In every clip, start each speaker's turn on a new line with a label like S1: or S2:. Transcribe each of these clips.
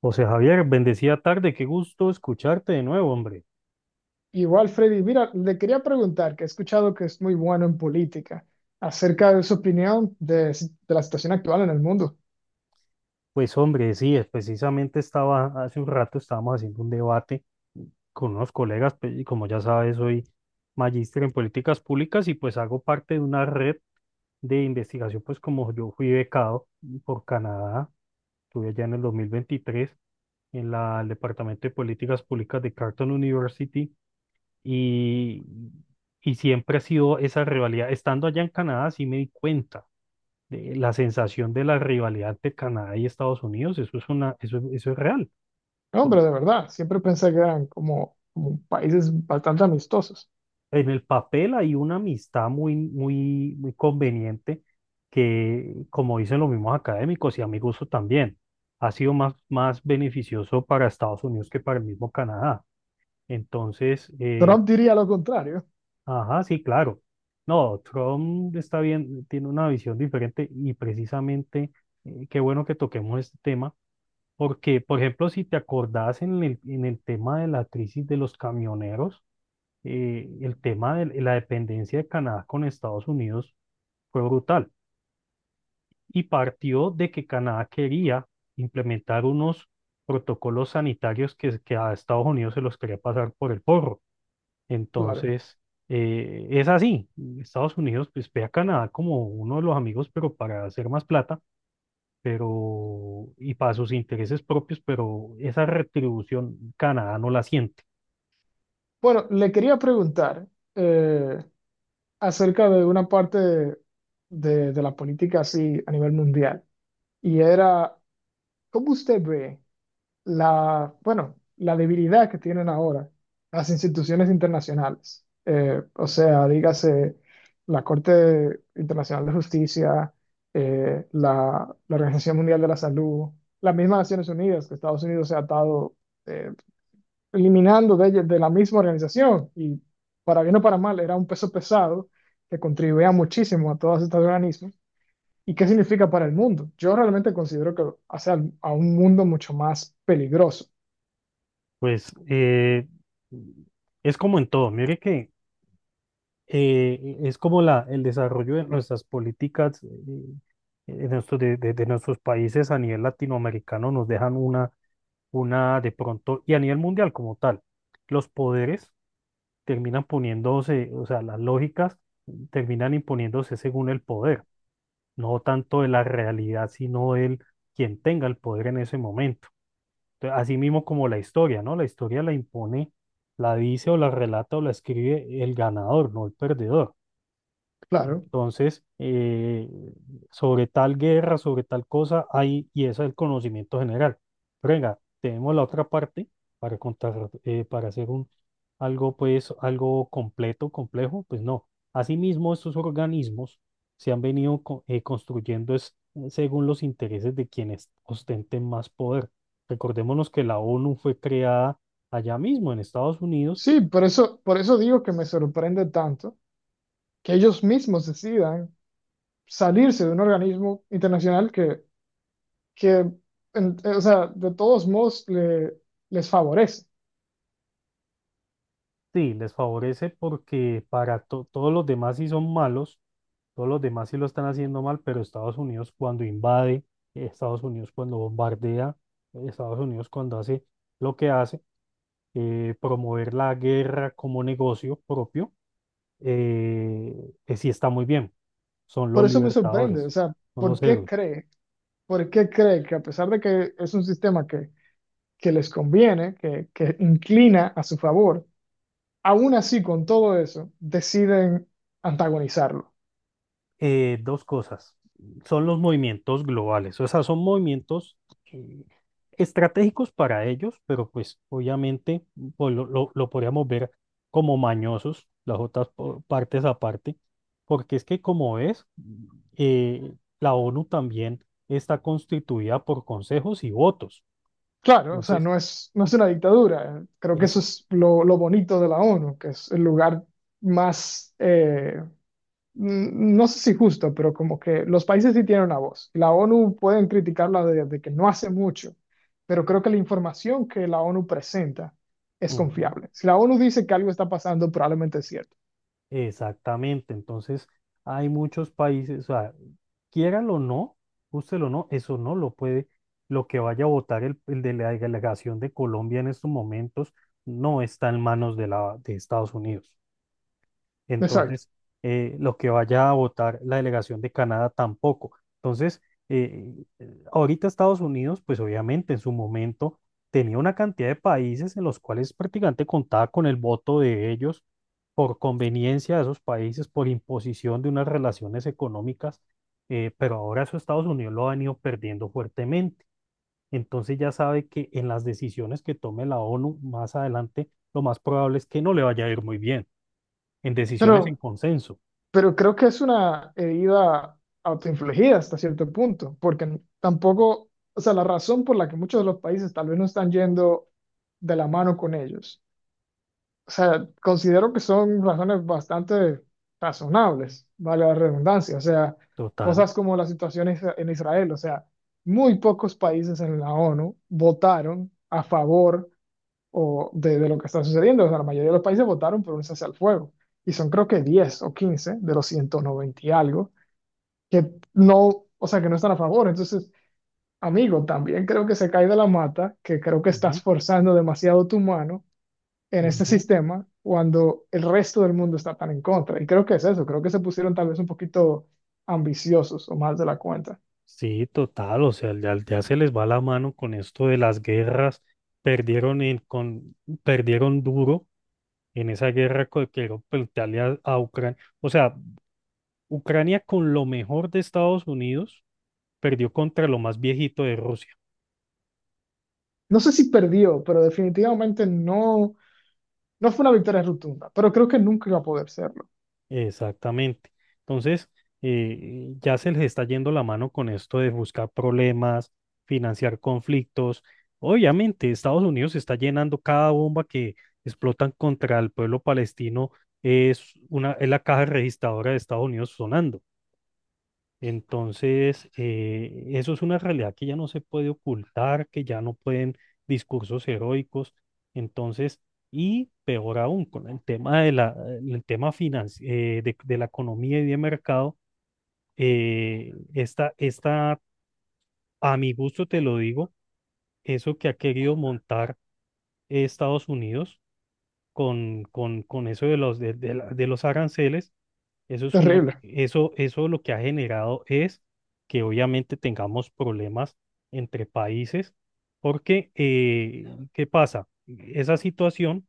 S1: José Javier, bendecida tarde, qué gusto escucharte de nuevo, hombre.
S2: Igual, Freddy, mira, le quería preguntar, que he escuchado que es muy bueno en política, acerca de su opinión de, de la situación actual en el mundo.
S1: Pues hombre, sí, precisamente estaba, hace un rato estábamos haciendo un debate con unos colegas, y como ya sabes, soy magíster en políticas públicas y pues hago parte de una red de investigación, pues como yo fui becado por Canadá, estuve allá en el 2023 en el Departamento de Políticas Públicas de Carleton University y, siempre ha sido esa rivalidad. Estando allá en Canadá, sí me di cuenta de la sensación de la rivalidad de Canadá y Estados Unidos, eso es real.
S2: No,
S1: Por-
S2: hombre, de verdad, siempre pensé que eran como países bastante amistosos.
S1: En el papel hay una amistad muy, muy, muy conveniente que, como dicen los mismos académicos y a mi gusto también, ha sido más, beneficioso para Estados Unidos que para el mismo Canadá. Entonces,
S2: Trump diría lo contrario,
S1: ajá, sí, claro. No, Trump está bien, tiene una visión diferente y precisamente, qué bueno que toquemos este tema. Porque, por ejemplo, si te acordás en en el tema de la crisis de los camioneros, el tema de la dependencia de Canadá con Estados Unidos fue brutal y partió de que Canadá quería implementar unos protocolos sanitarios que a Estados Unidos se los quería pasar por el porro.
S2: claro.
S1: Entonces, es así. Estados Unidos pues, ve a Canadá como uno de los amigos, pero para hacer más plata pero y para sus intereses propios, pero esa retribución Canadá no la siente.
S2: Bueno, le quería preguntar eh, acerca de una parte de la política así a nivel mundial, y era, ¿cómo usted ve la, bueno, la debilidad que tienen ahora las instituciones internacionales? O sea, dígase la Corte Internacional de Justicia, la Organización Mundial de la Salud, las mismas Naciones Unidas, que Estados Unidos se ha atado eh, eliminando de la misma organización. Y para bien o para mal, era un peso pesado que contribuía muchísimo a todos estos organismos. ¿Y qué significa para el mundo? Yo realmente considero que hace a un mundo mucho más peligroso.
S1: Pues es como en todo, mire que es como el desarrollo de nuestras políticas, de nuestros países a nivel latinoamericano nos dejan una de pronto, y a nivel mundial como tal, los poderes terminan poniéndose, o sea, las lógicas terminan imponiéndose según el poder. No tanto de la realidad, sino del quien tenga el poder en ese momento. Entonces, así mismo como la historia, ¿no? La historia la impone, la dice o la relata o la escribe el ganador, no el perdedor.
S2: Claro.
S1: Entonces, sobre tal guerra, sobre tal cosa, hay, y ese es el conocimiento general. Pero venga, tenemos la otra parte para contar, para hacer un, algo, pues, algo completo, complejo, pues no. Asimismo, estos organismos se han venido construyendo según los intereses de quienes ostenten más poder. Recordémonos que la ONU fue creada allá mismo en Estados Unidos.
S2: Sí, por eso digo que me sorprende tanto que ellos mismos decidan salirse de un organismo internacional que, o sea, de todos modos les favorece.
S1: Sí, les favorece porque para todos los demás sí son malos. Todos los demás sí lo están haciendo mal, pero Estados Unidos cuando invade, Estados Unidos cuando bombardea, Estados Unidos cuando hace lo que hace, promover la guerra como negocio propio, sí está muy bien. Son los
S2: Por eso me sorprende, o
S1: libertadores,
S2: sea,
S1: son
S2: ¿por
S1: los
S2: qué
S1: héroes.
S2: cree? ¿Por qué cree que a pesar de que es un sistema que les conviene, que inclina a su favor, aún así con todo eso deciden antagonizarlo?
S1: Dos cosas. Son los movimientos globales, o sea, son movimientos eh, estratégicos para ellos, pero pues obviamente pues, lo podríamos ver como mañosos, las otras partes aparte, porque es que como ves, eh, la ONU también está constituida por consejos y votos.
S2: Claro, o sea,
S1: Entonces,
S2: no es una dictadura. Creo que
S1: es.
S2: eso es lo bonito de la ONU, que es el lugar más, no sé si justo, pero como que los países sí tienen una voz. La ONU pueden criticarla de que no hace mucho, pero creo que la información que la ONU presenta es
S1: Ujú.
S2: confiable. Si la ONU dice que algo está pasando, probablemente es cierto.
S1: Exactamente, entonces hay muchos países, o sea, quiéralo o no, úselo o no, eso no lo puede, lo que vaya a votar el de la delegación de Colombia en estos momentos no está en manos de Estados Unidos.
S2: Exacto.
S1: Entonces, lo que vaya a votar la delegación de Canadá tampoco. Entonces, eh, ahorita Estados Unidos, pues obviamente en su momento tenía una cantidad de países en los cuales prácticamente contaba con el voto de ellos por conveniencia de esos países, por imposición de unas relaciones económicas, pero ahora eso Estados Unidos lo ha venido perdiendo fuertemente. Entonces ya sabe que en las decisiones que tome la ONU más adelante, lo más probable es que no le vaya a ir muy bien en
S2: Pero
S1: decisiones en consenso.
S2: Pero creo que es una herida autoinfligida hasta cierto punto, porque tampoco, o sea, la razón por la que muchos de los países tal vez no están yendo de la mano con ellos. O sea, considero que son razones bastante razonables, vale la redundancia. O sea,
S1: Total.
S2: cosas como la situación en Israel, o sea, muy pocos países en la ONU votaron a favor o de lo que está sucediendo. O sea, la mayoría de los países votaron por un cese al fuego y son creo que 10 o 15 de los 190 y algo que no, o sea, que no están a favor. Entonces, amigo, también creo que se cae de la mata, que creo que estás
S1: Ujú,
S2: forzando demasiado tu mano en este
S1: ujú.
S2: sistema cuando el resto del mundo está tan en contra. Y creo que es eso, creo que se pusieron tal vez un poquito ambiciosos o más de la cuenta.
S1: Sí, total. O sea, ya, ya se les va la mano con esto de las guerras. Perdieron, perdieron duro en esa guerra que dio Italia a Ucrania. O sea, Ucrania con lo mejor de Estados Unidos perdió contra lo más viejito de Rusia.
S2: No sé si perdió, pero definitivamente no, no fue una victoria rotunda, pero creo que nunca iba a poder serlo.
S1: Exactamente. Entonces, ya se les está yendo la mano con esto de buscar problemas, financiar conflictos. Obviamente, Estados Unidos está llenando cada bomba que explotan contra el pueblo palestino, es la caja registradora de Estados Unidos sonando. Entonces, eso es una realidad que ya no se puede ocultar, que ya no pueden discursos heroicos. Entonces, y peor aún, con el tema de el tema de la economía y de mercado, esta, a mi gusto te lo digo, eso que ha querido montar Estados Unidos con eso de los, de los aranceles. Eso es una,
S2: Terrible.
S1: eso, eso lo que ha generado es que obviamente tengamos problemas entre países, porque, claro. ¿Qué pasa? Esa situación,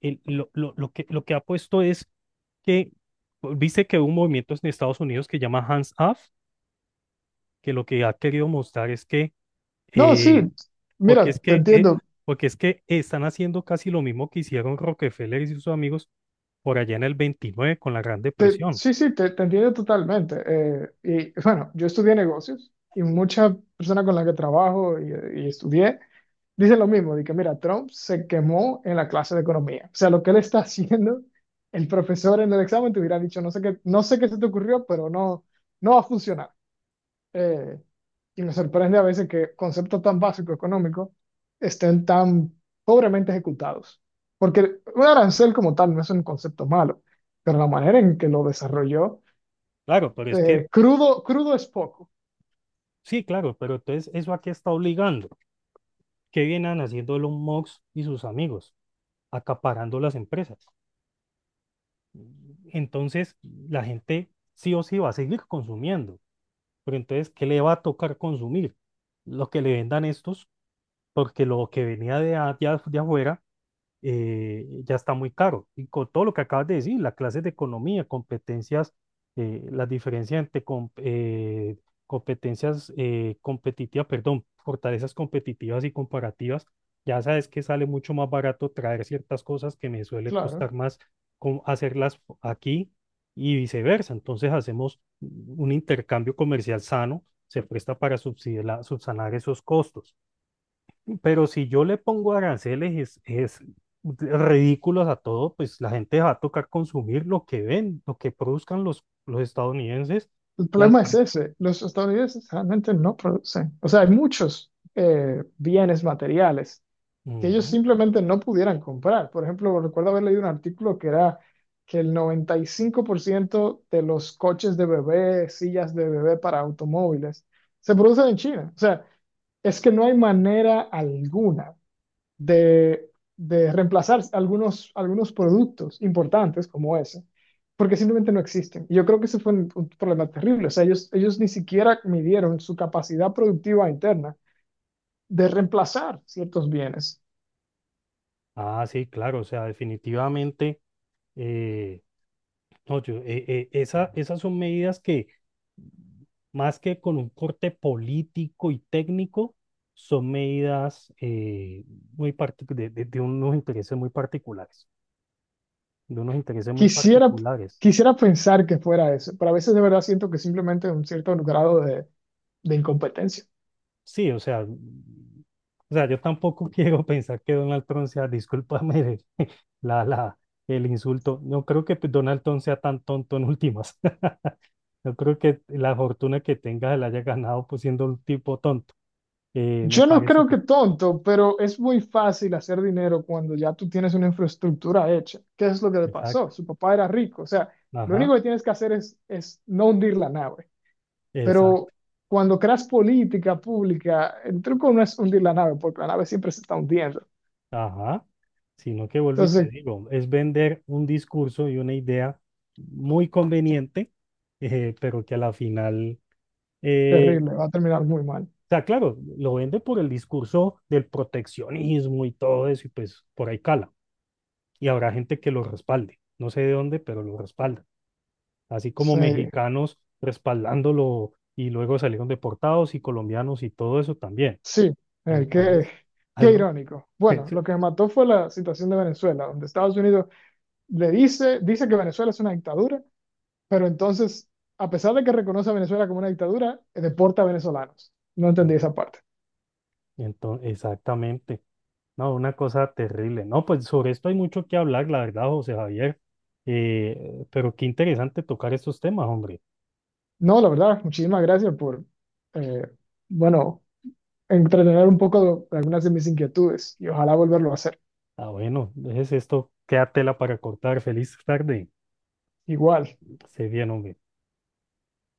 S1: lo que ha puesto es que, pues, viste que hubo un movimiento en Estados Unidos que llama Hands Off, que lo que ha querido mostrar es que
S2: No,
S1: eh,
S2: sí,
S1: porque
S2: mira,
S1: es
S2: te
S1: que, eh,
S2: entiendo.
S1: porque es que están haciendo casi lo mismo que hicieron Rockefeller y sus amigos por allá en el 29 con la Gran Depresión.
S2: Sí, sí, te entiendo totalmente. Y bueno, yo estudié negocios y muchas personas con las que trabajo y estudié dicen lo mismo, de que mira, Trump se quemó en la clase de economía. O sea, lo que él está haciendo, el profesor en el examen te hubiera dicho, no sé qué, no sé qué se te ocurrió, pero no, no va a funcionar. Eh, y me sorprende a veces que conceptos tan básicos económicos estén tan pobremente ejecutados. Porque un arancel como tal no es un concepto malo, pero la manera en que lo desarrolló,
S1: Claro, pero es que,
S2: crudo, crudo es poco,
S1: sí, claro, pero entonces, ¿eso a qué está obligando? ¿Qué vienen haciendo Elon Musk y sus amigos? Acaparando las empresas. Entonces la gente sí o sí va a seguir consumiendo. Pero entonces, ¿qué le va a tocar consumir? Lo que le vendan estos, porque lo que venía de afuera ya está muy caro. Y con todo lo que acabas de decir, las clases de economía, competencias, las diferencias entre competencias competitivas, perdón, fortalezas competitivas y comparativas, ya sabes que sale mucho más barato traer ciertas cosas que me suele
S2: claro.
S1: costar más hacerlas aquí y viceversa. Entonces hacemos un intercambio comercial sano, se presta para subsanar esos costos. Pero si yo le pongo aranceles es ridículos a todo, pues la gente va a tocar consumir lo que ven, lo que produzcan los estadounidenses
S2: El
S1: y al
S2: problema es
S1: precio.
S2: ese, los estadounidenses realmente no producen. O sea, hay muchos bienes materiales que ellos
S1: Ujú.
S2: simplemente no pudieran comprar. Por ejemplo, recuerdo haber leído un artículo que era que el 95% de los coches de bebé, sillas de bebé para automóviles, se producen en China. O sea, es que no hay manera alguna de, de reemplazar algunos productos importantes como ese, porque simplemente no existen. Y yo creo que ese fue un problema terrible. O sea, ellos ni siquiera midieron su capacidad productiva interna de reemplazar ciertos bienes.
S1: Ah, sí, claro, o sea, definitivamente, eh, no, esas son medidas que más que con un corte político y técnico, son medidas muy partic- de unos intereses muy particulares, de unos intereses muy
S2: Quisiera,
S1: particulares.
S2: quisiera pensar que fuera eso, pero a veces de verdad siento que simplemente un cierto grado de incompetencia.
S1: Sí, o sea, yo tampoco quiero pensar que Donald Trump sea, discúlpame, la, la, el insulto. No creo que pues, Donald Trump sea tan tonto en últimas. No creo que la fortuna que tenga se la haya ganado pues siendo un tipo tonto. Me
S2: Yo no
S1: parece
S2: creo
S1: que,
S2: que tonto, pero es muy fácil hacer dinero cuando ya tú tienes una infraestructura hecha. ¿Qué es lo que le
S1: exacto,
S2: pasó? Su papá era rico, o sea, lo
S1: ajá,
S2: único que tienes que hacer es no hundir la nave.
S1: exacto,
S2: Pero cuando creas política pública, el truco no es hundir la nave, porque la nave siempre se está hundiendo.
S1: ajá. Sino que vuelvo y te
S2: Entonces,
S1: digo, es vender un discurso y una idea muy conveniente, pero que a la final eh,
S2: terrible, va a terminar muy mal.
S1: sea, claro, lo vende por el discurso del proteccionismo y todo eso, y pues por ahí cala. Y habrá gente que lo respalde. No sé de dónde, pero lo respalda. Así como
S2: Sí.
S1: mexicanos respaldándolo y luego salieron deportados y colombianos y todo eso también.
S2: Sí, eh, qué,
S1: Entonces,
S2: qué
S1: algo.
S2: irónico. Bueno, lo que me mató fue la situación de Venezuela, donde Estados Unidos dice que Venezuela es una dictadura, pero entonces, a pesar de que reconoce a Venezuela como una dictadura, deporta a venezolanos. No entendí esa parte.
S1: Entonces, exactamente. No, una cosa terrible. No, pues sobre esto hay mucho que hablar, la verdad, José Javier. Pero qué interesante tocar estos temas, hombre.
S2: No, la verdad, muchísimas gracias por, eh, bueno, entretener un poco de algunas de mis inquietudes y ojalá volverlo a hacer.
S1: Ah, bueno, es esto. Queda tela para cortar. Feliz tarde.
S2: Igual.
S1: Se bien, hombre.